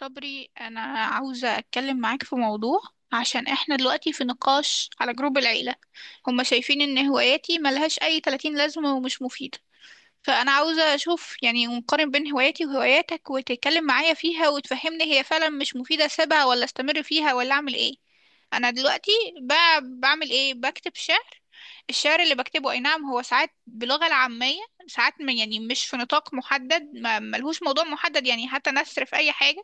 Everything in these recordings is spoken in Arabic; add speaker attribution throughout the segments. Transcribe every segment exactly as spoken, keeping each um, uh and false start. Speaker 1: صبري، أنا عاوزة أتكلم معاك في موضوع عشان إحنا دلوقتي في نقاش على جروب العيلة. هما شايفين إن هواياتي ملهاش أي ثلاثين لازمة ومش مفيدة. فأنا عاوزة أشوف يعني ونقارن بين هواياتي وهواياتك وتتكلم معايا فيها وتفهمني هي فعلا مش مفيدة أسيبها ولا أستمر فيها ولا أعمل إيه. أنا دلوقتي ب- بعمل إيه؟ بكتب شعر. الشعر اللي بكتبه أي نعم هو ساعات بلغة العامية، ساعات ما- يعني مش في نطاق محدد، ما- ملهوش موضوع محدد، يعني حتى نثر في أي حاجة.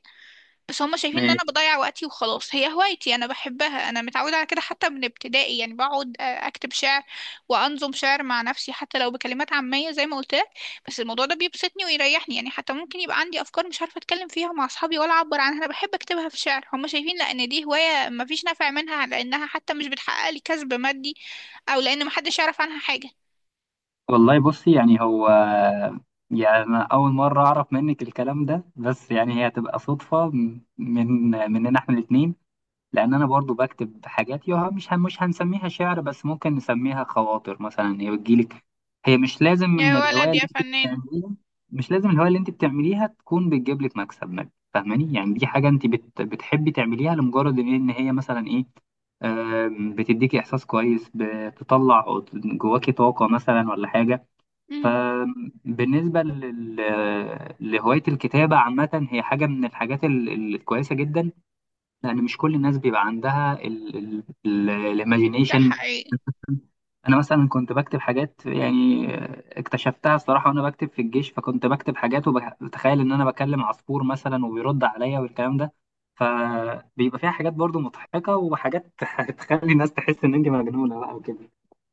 Speaker 1: بس هما شايفين ان انا
Speaker 2: ماشي.
Speaker 1: بضيع وقتي، وخلاص هي هوايتي انا بحبها، انا متعودة على كده حتى من ابتدائي، يعني بقعد آه، اكتب شعر وانظم شعر مع نفسي حتى لو بكلمات عامية زي ما قلت لك. بس الموضوع ده بيبسطني ويريحني، يعني حتى ممكن يبقى عندي افكار مش عارفة اتكلم فيها مع اصحابي ولا اعبر عنها، انا بحب اكتبها في شعر. هما شايفين لان دي هواية مفيش نفع منها لانها حتى مش بتحقق لي كسب مادي، او لان محدش يعرف عنها حاجة.
Speaker 2: والله بصي، يعني هو يعني أنا أول مرة أعرف منك الكلام ده، بس يعني هي هتبقى صدفة من مننا إحنا الاتنين. لان انا برضو بكتب حاجات يوها، مش هن- مش هنسميها شعر، بس ممكن نسميها خواطر مثلا، هي بتجيلك. هي مش لازم ان
Speaker 1: يا
Speaker 2: الهوايه
Speaker 1: ولد
Speaker 2: اللي
Speaker 1: يا
Speaker 2: انت
Speaker 1: فنان.
Speaker 2: بتعمليها، مش لازم الهوايه اللي انت بتعمليها تكون بتجيب لك مكسب مادي، فاهماني؟ يعني دي حاجه انت بت بتحبي تعمليها لمجرد ان إن هي مثلا ايه، آم، بتديكي احساس كويس، بتطلع جواكي طاقه مثلا، ولا حاجه.
Speaker 1: امم.
Speaker 2: فبالنسبه لل... لهوايه الكتابه عامه، هي حاجه من الحاجات ال- الكويسه جدا، لان مش كل الناس بيبقى عندها
Speaker 1: ده
Speaker 2: الايماجينيشن.
Speaker 1: حقيقي.
Speaker 2: انا مثلا كنت بكتب حاجات، يعني اكتشفتها الصراحه وانا بكتب في الجيش، فكنت بكتب حاجات وبتخيل ان انا بكلم عصفور مثلا وبيرد عليا والكلام ده، فبيبقى فيها حاجات برضو مضحكه وحاجات تخلي الناس تحس ان انت مجنونه بقى وكده.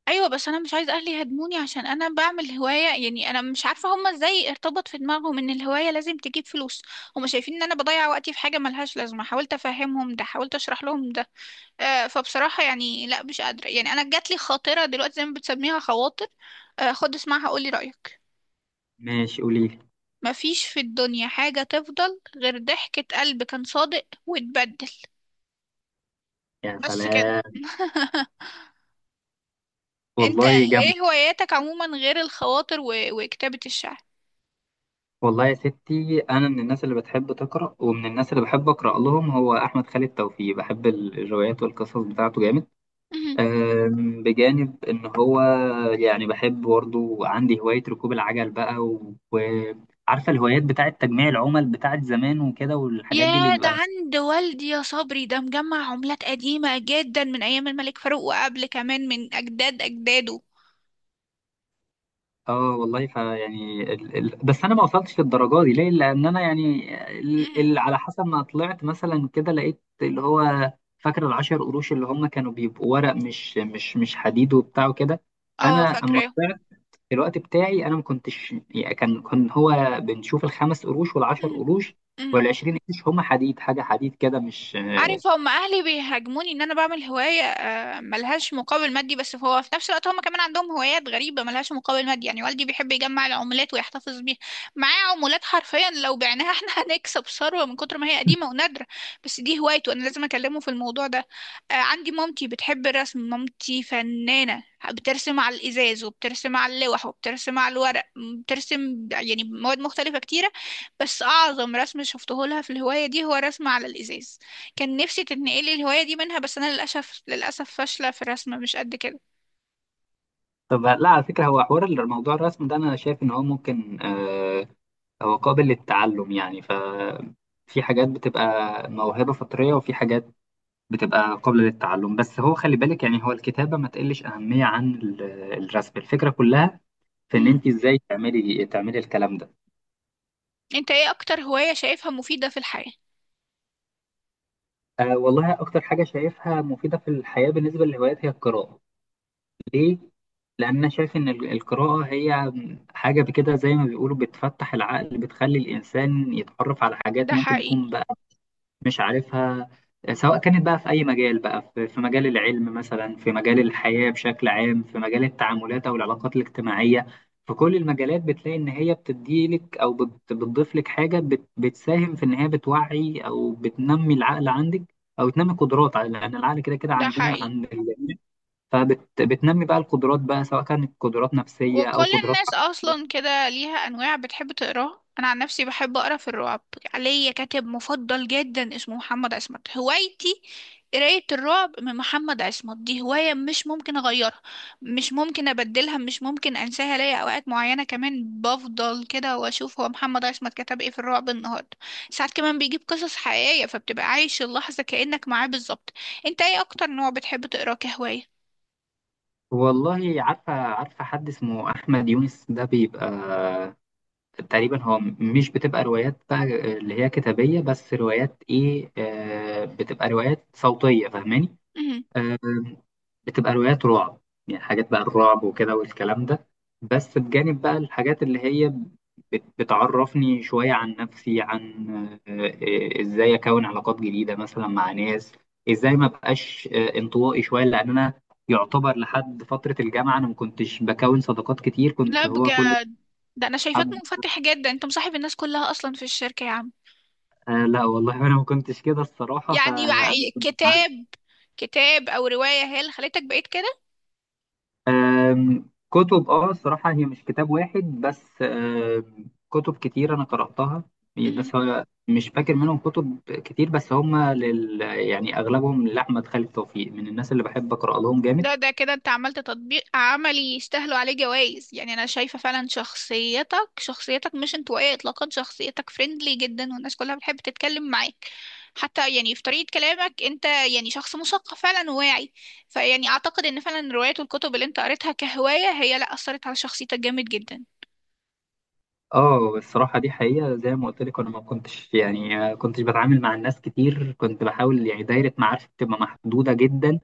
Speaker 1: ايوه، بس انا مش عايزه اهلي يهاجموني عشان انا بعمل هوايه، يعني انا مش عارفه هما ازاي ارتبط في دماغهم ان الهوايه لازم تجيب فلوس. هما شايفين ان انا بضيع وقتي في حاجه ملهاش لازمه، حاولت افهمهم ده، حاولت اشرح لهم ده. آه، فبصراحه يعني لا مش قادره. يعني انا جات لي خاطره دلوقتي زي ما بتسميها خواطر. آه، خد اسمعها قولي رايك:
Speaker 2: ماشي، قولي لي.
Speaker 1: مفيش في الدنيا حاجه تفضل غير ضحكه قلب كان صادق واتبدل.
Speaker 2: يا
Speaker 1: بس كده.
Speaker 2: سلام.
Speaker 1: انت
Speaker 2: والله جامد.
Speaker 1: ايه هواياتك عموما غير الخواطر و... وكتابه الشعر؟
Speaker 2: والله يا ستي، انا من الناس اللي بتحب تقرا، ومن الناس اللي بحب اقرا لهم هو احمد خالد توفيق، بحب الروايات والقصص بتاعته جامد. أم، بجانب إن هو يعني بحب، برضه عندي هواية ركوب العجل بقى، و- وعارفة الهوايات بتاعة تجميع العمل بتاعة زمان وكده، والحاجات دي اللي
Speaker 1: ياه، ده
Speaker 2: بيبقى.
Speaker 1: عند والدي يا صبري، ده مجمع عملات قديمة جدا من أيام الملك فاروق وقبل كمان من أجداد أجداده.
Speaker 2: اه والله، فيعني ال... ال... بس أنا ما وصلتش للدرجة دي، ليه؟ لأن أنا يعني ال...
Speaker 1: مم.
Speaker 2: ال... على حسب ما طلعت مثلا كده، لقيت اللي هو فاكر العشر قروش اللي هم كانوا بيبقوا ورق، مش مش مش حديد وبتاع وكده.
Speaker 1: اه
Speaker 2: أنا، أما
Speaker 1: فاكراه.
Speaker 2: الوقت بتاعي انا ما كنتش يعني، كان كان هو بنشوف الخمس قروش والعشر
Speaker 1: مم.
Speaker 2: قروش
Speaker 1: مم.
Speaker 2: والعشرين قرش، هم حديد، حاجه حديد كده مش آه،
Speaker 1: عارف، هم اهلي بيهاجموني ان انا بعمل هوايه آه، ملهاش مقابل مادي، بس هو في نفس الوقت هم كمان عندهم هوايات غريبه ملهاش مقابل مادي، يعني والدي بيحب يجمع العملات ويحتفظ بيها، معاه عملات حرفيا لو بعناها احنا هنكسب ثروه من كتر ما هي قديمه ونادره. بس دي هوايته، انا لازم اكلمه في الموضوع ده. آه، عندي مامتي بتحب الرسم، مامتي فنانه، بترسم على الازاز وبترسم على اللوح وبترسم على الورق، بترسم يعني مواد مختلفه كتيره. بس اعظم رسم شفته لها في الهوايه دي هو رسم على الازاز. كان نفسي تتنقلي الهواية دي منها، بس أنا للأسف للأسف فاشلة في الرسم مش قد كده.
Speaker 2: طب لا، على فكره، هو حوار الموضوع الرسم ده، انا شايف ان هو ممكن آه، هو قابل للتعلم يعني. ف في حاجات بتبقى موهبه فطريه، وفي حاجات بتبقى قابله للتعلم، بس هو خلي بالك، يعني هو الكتابه ما تقلش اهميه عن ال- الرسم. الفكره كلها في ان
Speaker 1: مهم.
Speaker 2: انت ازاي تعملي تعملي الكلام ده.
Speaker 1: أنت إيه أكتر هواية شايفها مفيدة في الحياة؟
Speaker 2: أه والله، أكتر حاجة شايفها مفيدة في الحياة بالنسبة للهوايات هي القراءة. ليه؟ لأن أنا شايف إن ال- القراءة هي حاجة بكده، زي ما بيقولوا بتفتح العقل، بتخلي الإنسان يتعرف على حاجات
Speaker 1: ده
Speaker 2: ممكن
Speaker 1: حقيقي.
Speaker 2: يكون مش عارفها، سواء كانت بقى في أي مجال، بقى في في مجال العلم مثلا، في مجال الحياة بشكل عام، في مجال التعاملات أو العلاقات الاجتماعية. في كل المجالات بتلاقي إن هي بتديلك، أو بت- بتضيف لك حاجة، بت- بتساهم في إن هي بتوعي أو بتنمي العقل عندك، أو تنمي قدرات على- لأن العقل كده كده
Speaker 1: ده
Speaker 2: عندنا،
Speaker 1: حقيقي.
Speaker 2: عند الجميع. فبتنمي بقى القدرات بقى، سواء كانت قدرات نفسية أو
Speaker 1: وكل
Speaker 2: قدرات.
Speaker 1: الناس اصلا كده ليها انواع بتحب تقراها. انا عن نفسي بحب اقرا في الرعب، ليا كاتب مفضل جدا اسمه محمد عصمت. هوايتي قراية الرعب من محمد عصمت، دي هواية مش ممكن أغيرها، مش ممكن أبدلها، مش ممكن أنساها. ليا أوقات معينة كمان بفضل كده وأشوف هو محمد عصمت كتب إيه في الرعب النهاردة. ساعات كمان بيجيب قصص حقيقية فبتبقى عايش اللحظة كأنك معاه بالظبط. أنت إيه أكتر نوع بتحب تقراه كهواية؟
Speaker 2: والله عارفة عارفة حد اسمه أحمد يونس، ده بيبقى تقريبا هو م- مش بتبقى روايات بقى اللي هي كتابية، بس روايات ايه، آه بتبقى روايات صوتية، فاهماني؟ آه بتبقى روايات رعب، يعني حاجات بقى الرعب وكده والكلام ده. بس بجانب بقى الحاجات اللي هي بت- بتعرفني شوية عن نفسي، عن آه، آه، ازاي اكون علاقات جديدة مثلا مع ناس، ازاي ما بقاش آه، انطوائي شوية. لان انا يعتبر لحد فترة الجامعة انا ما كنتش بكون صداقات كتير،
Speaker 1: لا
Speaker 2: كنت هو كل.
Speaker 1: بجد، ده انا شايفاك منفتح جدا، انت مصاحب الناس كلها اصلا في الشركة يا عم.
Speaker 2: آه لا والله، انا ما كنتش كده الصراحه،
Speaker 1: يعني مع
Speaker 2: فانا كنت بعزف.
Speaker 1: كتاب، كتاب او رواية هي اللي خليتك بقيت كده؟
Speaker 2: آم، كتب، اه الصراحه هي مش كتاب واحد، بس آم، كتب كتير انا قراتها.
Speaker 1: مهم.
Speaker 2: بس هو مش فاكر منهم كتب كتير، بس هم لل يعني اغلبهم لاحمد خالد توفيق، من الناس اللي بحب اقرا لهم جامد.
Speaker 1: ده ده كده انت عملت تطبيق عملي يستاهلوا عليه جوائز. يعني انا شايفة فعلا شخصيتك، شخصيتك مش انطوائية اطلاقا، شخصيتك فريندلي جدا والناس كلها بتحب تتكلم معاك. حتى يعني في طريقة كلامك انت يعني شخص مثقف فعلا وواعي. فيعني اعتقد ان فعلا الروايات والكتب اللي انت قريتها كهواية هي لا اثرت على شخصيتك جامد جدا.
Speaker 2: اه الصراحة دي حقيقة، زي ما قلت لك، انا ما كنتش يعني آه، كنتش بتعامل مع الناس كتير، كنت بحاول يعني دايرة معارفي بتبقى محدودة جدا.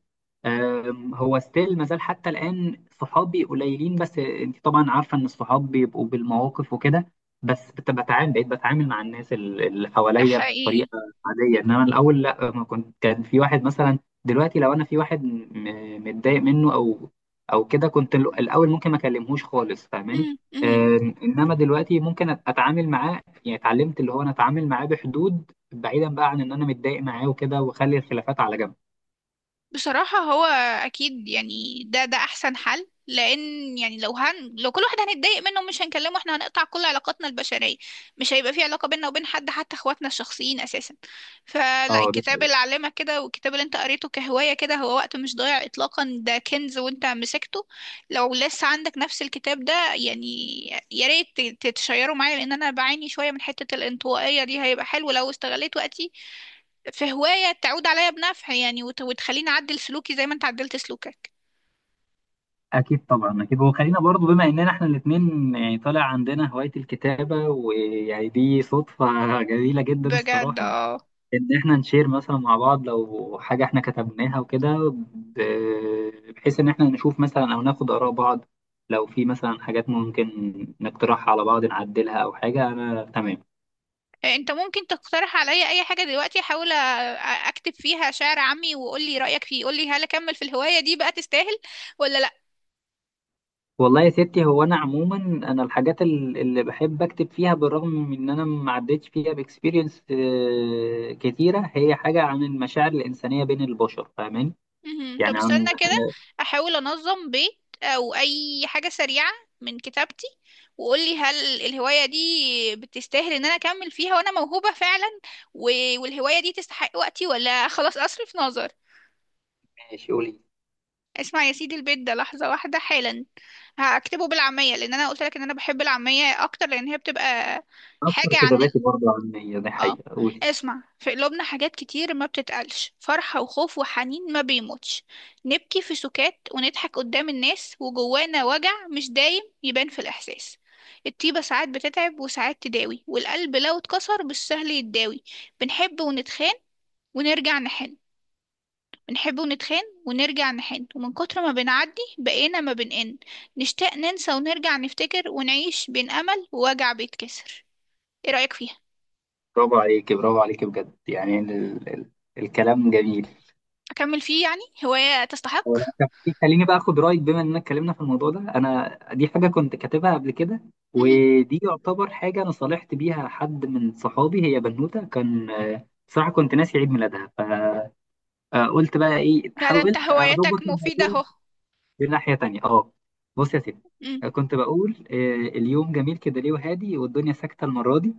Speaker 2: آم، هو ستيل ما زال حتى الآن صحابي قليلين، بس انت طبعا عارفة ان الصحاب بيبقوا بالمواقف وكده. بس بت- بتعامل، بقيت بتعامل مع الناس ال- اللي
Speaker 1: ده
Speaker 2: حواليا بطريقة
Speaker 1: حقيقي.
Speaker 2: عادية، انما الاول لا، ما كنت. كان في واحد مثلا دلوقتي، لو انا في واحد م- متضايق منه، او او كده، كنت ال- الاول ممكن ما اكلمهوش خالص، فاهماني؟
Speaker 1: مم. مم.
Speaker 2: آه، انما دلوقتي ممكن أت- اتعامل معاه، يعني اتعلمت اللي هو انا اتعامل معاه بحدود، بعيدا بقى عن ان انا متضايق معاه وكده، واخلي الخلافات على جنب.
Speaker 1: بصراحة هو أكيد، يعني ده ده أحسن حل، لأن يعني لو هن لو كل واحد هنتضايق منه مش هنكلمه احنا هنقطع كل علاقاتنا البشرية، مش هيبقى في علاقة بيننا وبين حد حتى اخواتنا الشخصيين أساسا. فلا،
Speaker 2: اه، دي
Speaker 1: الكتاب اللي
Speaker 2: حقيقة.
Speaker 1: علمك كده والكتاب اللي انت قريته كهواية كده هو وقت مش ضايع إطلاقا، ده كنز وانت مسكته. لو لسه عندك نفس الكتاب ده يعني يا ريت ت- تتشيره معايا، لأن أنا بعاني شوية من حتة الانطوائية دي، هيبقى حلو لو استغليت وقتي في هواية تعود عليا بنفع يعني وت- وتخليني أعدل سلوكي زي ما أنت عدلت سلوكك.
Speaker 2: اكيد طبعا، اكيد. وخلينا برضو، بما اننا احنا الاثنين يعني طالع عندنا هواية الكتابة، ويعني دي صدفة جميلة جدا
Speaker 1: بجد
Speaker 2: الصراحة،
Speaker 1: اه.
Speaker 2: ان احنا نشير مثلا مع بعض لو حاجة احنا كتبناها وكده، ب- بحيث ان احنا نشوف مثلا، او ناخد اراء بعض، لو في مثلا حاجات ممكن نقترحها على بعض، نعدلها او حاجة. انا تمام.
Speaker 1: أنت ممكن تقترح عليا أي حاجة دلوقتي أحاول أ- أكتب فيها شعر عامي وقولي رأيك فيه، قولي هل أكمل في الهواية دي بقى، تستاهل ولا لأ؟
Speaker 2: والله يا ستي، هو انا عموما، انا الحاجات ال- اللي بحب اكتب فيها بالرغم من ان انا ما عدتش فيها باكسبيرينس كتيره، هي حاجه عن المشاعر الانسانيه بين البشر، فاهماني؟
Speaker 1: مهم. طب
Speaker 2: يعني عن.
Speaker 1: استنى كده، أحاول أنظم بيت أو أي حاجة سريعة من كتابتي وقولي هل الهواية دي بتستاهل إن أنا أكمل فيها وأنا موهوبة فعلا، و- والهواية دي تستحق وقتي، ولا خلاص أصرف نظر.
Speaker 2: ماشي، قولي.
Speaker 1: اسمع يا سيدي البيت ده لحظة واحدة حالا. هكتبه بالعامية لأن أنا قلت لك إن أنا بحب العامية أكتر لأن هي بتبقى
Speaker 2: اكتر
Speaker 1: حاجة عن ال-
Speaker 2: كتاباتي برضه علميه، دي
Speaker 1: اه،
Speaker 2: حقيقه. قولي.
Speaker 1: اسمع: في قلوبنا حاجات كتير ما بتتقالش، فرحة وخوف وحنين ما بيموتش. نبكي في سكات ونضحك قدام الناس، وجوانا وجع مش دايم يبان في الإحساس. الطيبة ساعات بتتعب وساعات تداوي، والقلب لو اتكسر مش سهل يتداوي. بنحب ونتخان ونرجع نحن، بنحب ونتخان ونرجع نحن، ومن كتر ما بنعدي بقينا ما بنقن. نشتاق ننسى ونرجع نفتكر، ونعيش بين أمل ووجع بيتكسر. ايه رأيك فيها؟
Speaker 2: برافو عليكي، برافو عليكي، بجد. يعني ال... ال... الكلام جميل.
Speaker 1: أكمل فيه يعني، هواية تستحق؟
Speaker 2: طب خليني بقى اخد رايك، بما اننا اتكلمنا في الموضوع ده. انا دي حاجه كنت كاتبها قبل كده،
Speaker 1: مهم.
Speaker 2: ودي يعتبر حاجه انا صالحت بيها حد من صحابي، هي بنوته، كان آه، بصراحه كنت ناسي عيد ميلادها، فقلت بقى ايه،
Speaker 1: لا ده انت
Speaker 2: حاولت
Speaker 1: هوايتك
Speaker 2: اظبط
Speaker 1: مفيدة
Speaker 2: الموضوع.
Speaker 1: اهو.
Speaker 2: دي ناحية تانية، اه. بص يا سيدي،
Speaker 1: مم.
Speaker 2: كنت بقول آه، اليوم جميل كده ليه وهادي، والدنيا ساكتة المرة دي،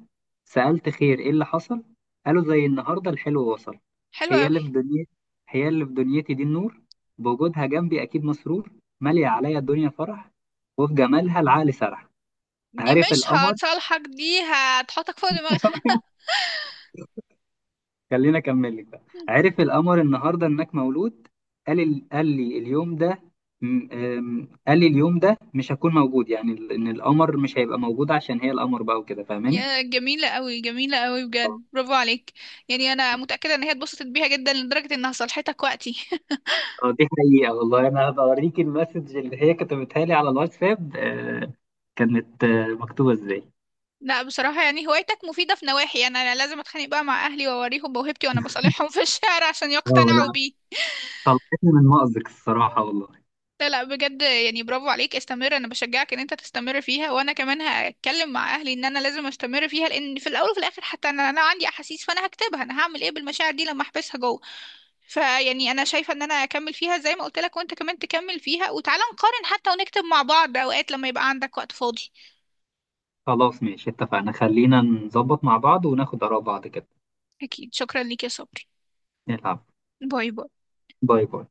Speaker 2: سألت خير ايه اللي حصل، قالوا زي النهاردة الحلو وصل.
Speaker 1: حلوة
Speaker 2: هي
Speaker 1: أوي.
Speaker 2: اللي في دنيتي، هي اللي في دنيتي دي النور، بوجودها جنبي أكيد مسرور، مالية عليا الدنيا فرح، وفي جمالها العقل سرح،
Speaker 1: دي
Speaker 2: عرف
Speaker 1: مش
Speaker 2: القمر.
Speaker 1: هتصالحك، دي هتحطك فوق دماغها.
Speaker 2: خليني اكمل لك بقى.
Speaker 1: مم.
Speaker 2: عرف القمر النهارده انك مولود، قال ال... قال لي اليوم ده م- أم، قال لي اليوم ده مش هكون موجود، يعني ال- ان القمر مش هيبقى موجود، عشان هي القمر بقى وكده، فاهماني؟
Speaker 1: يا جميلة أوي، جميلة أوي بجد، برافو عليك. يعني أنا متأكدة إن هي اتبسطت بيها جدا لدرجة إنها صالحتك وقتي.
Speaker 2: اه، دي حقيقة والله. انا هبقى اوريك المسج اللي هي كتبتها لي على الواتساب، آه، كانت آه، مكتوبة ازاي.
Speaker 1: لا بصراحة يعني هوايتك مفيدة في نواحي، أنا أنا لازم أتخانق بقى مع أهلي وأوريهم موهبتي وأنا بصالحهم في الشارع عشان
Speaker 2: اه
Speaker 1: يقتنعوا
Speaker 2: لا،
Speaker 1: بيه.
Speaker 2: طلعتني من مأزق الصراحة والله.
Speaker 1: لا لا بجد يعني، برافو عليك، استمر، أنا بشجعك إن أنت تستمر فيها، وأنا كمان هتكلم مع أهلي إن أنا لازم أستمر فيها، لأن في الأول وفي الآخر حتى أنا، أنا عندي أحاسيس فأنا هكتبها، أنا هعمل إيه بالمشاعر دي لما أحبسها جوه. فيعني أنا شايفة إن أنا أكمل فيها زي ما قلت لك، وأنت كمان تكمل فيها، وتعالى نقارن حتى ونكتب مع بعض أوقات لما يبقى عندك وقت فاضي.
Speaker 2: خلاص ماشي، اتفقنا، خلينا نظبط مع بعض وناخد آراء بعض كده.
Speaker 1: أكيد، شكرا ليك يا صبري.
Speaker 2: نلعب.
Speaker 1: باي باي.
Speaker 2: باي باي.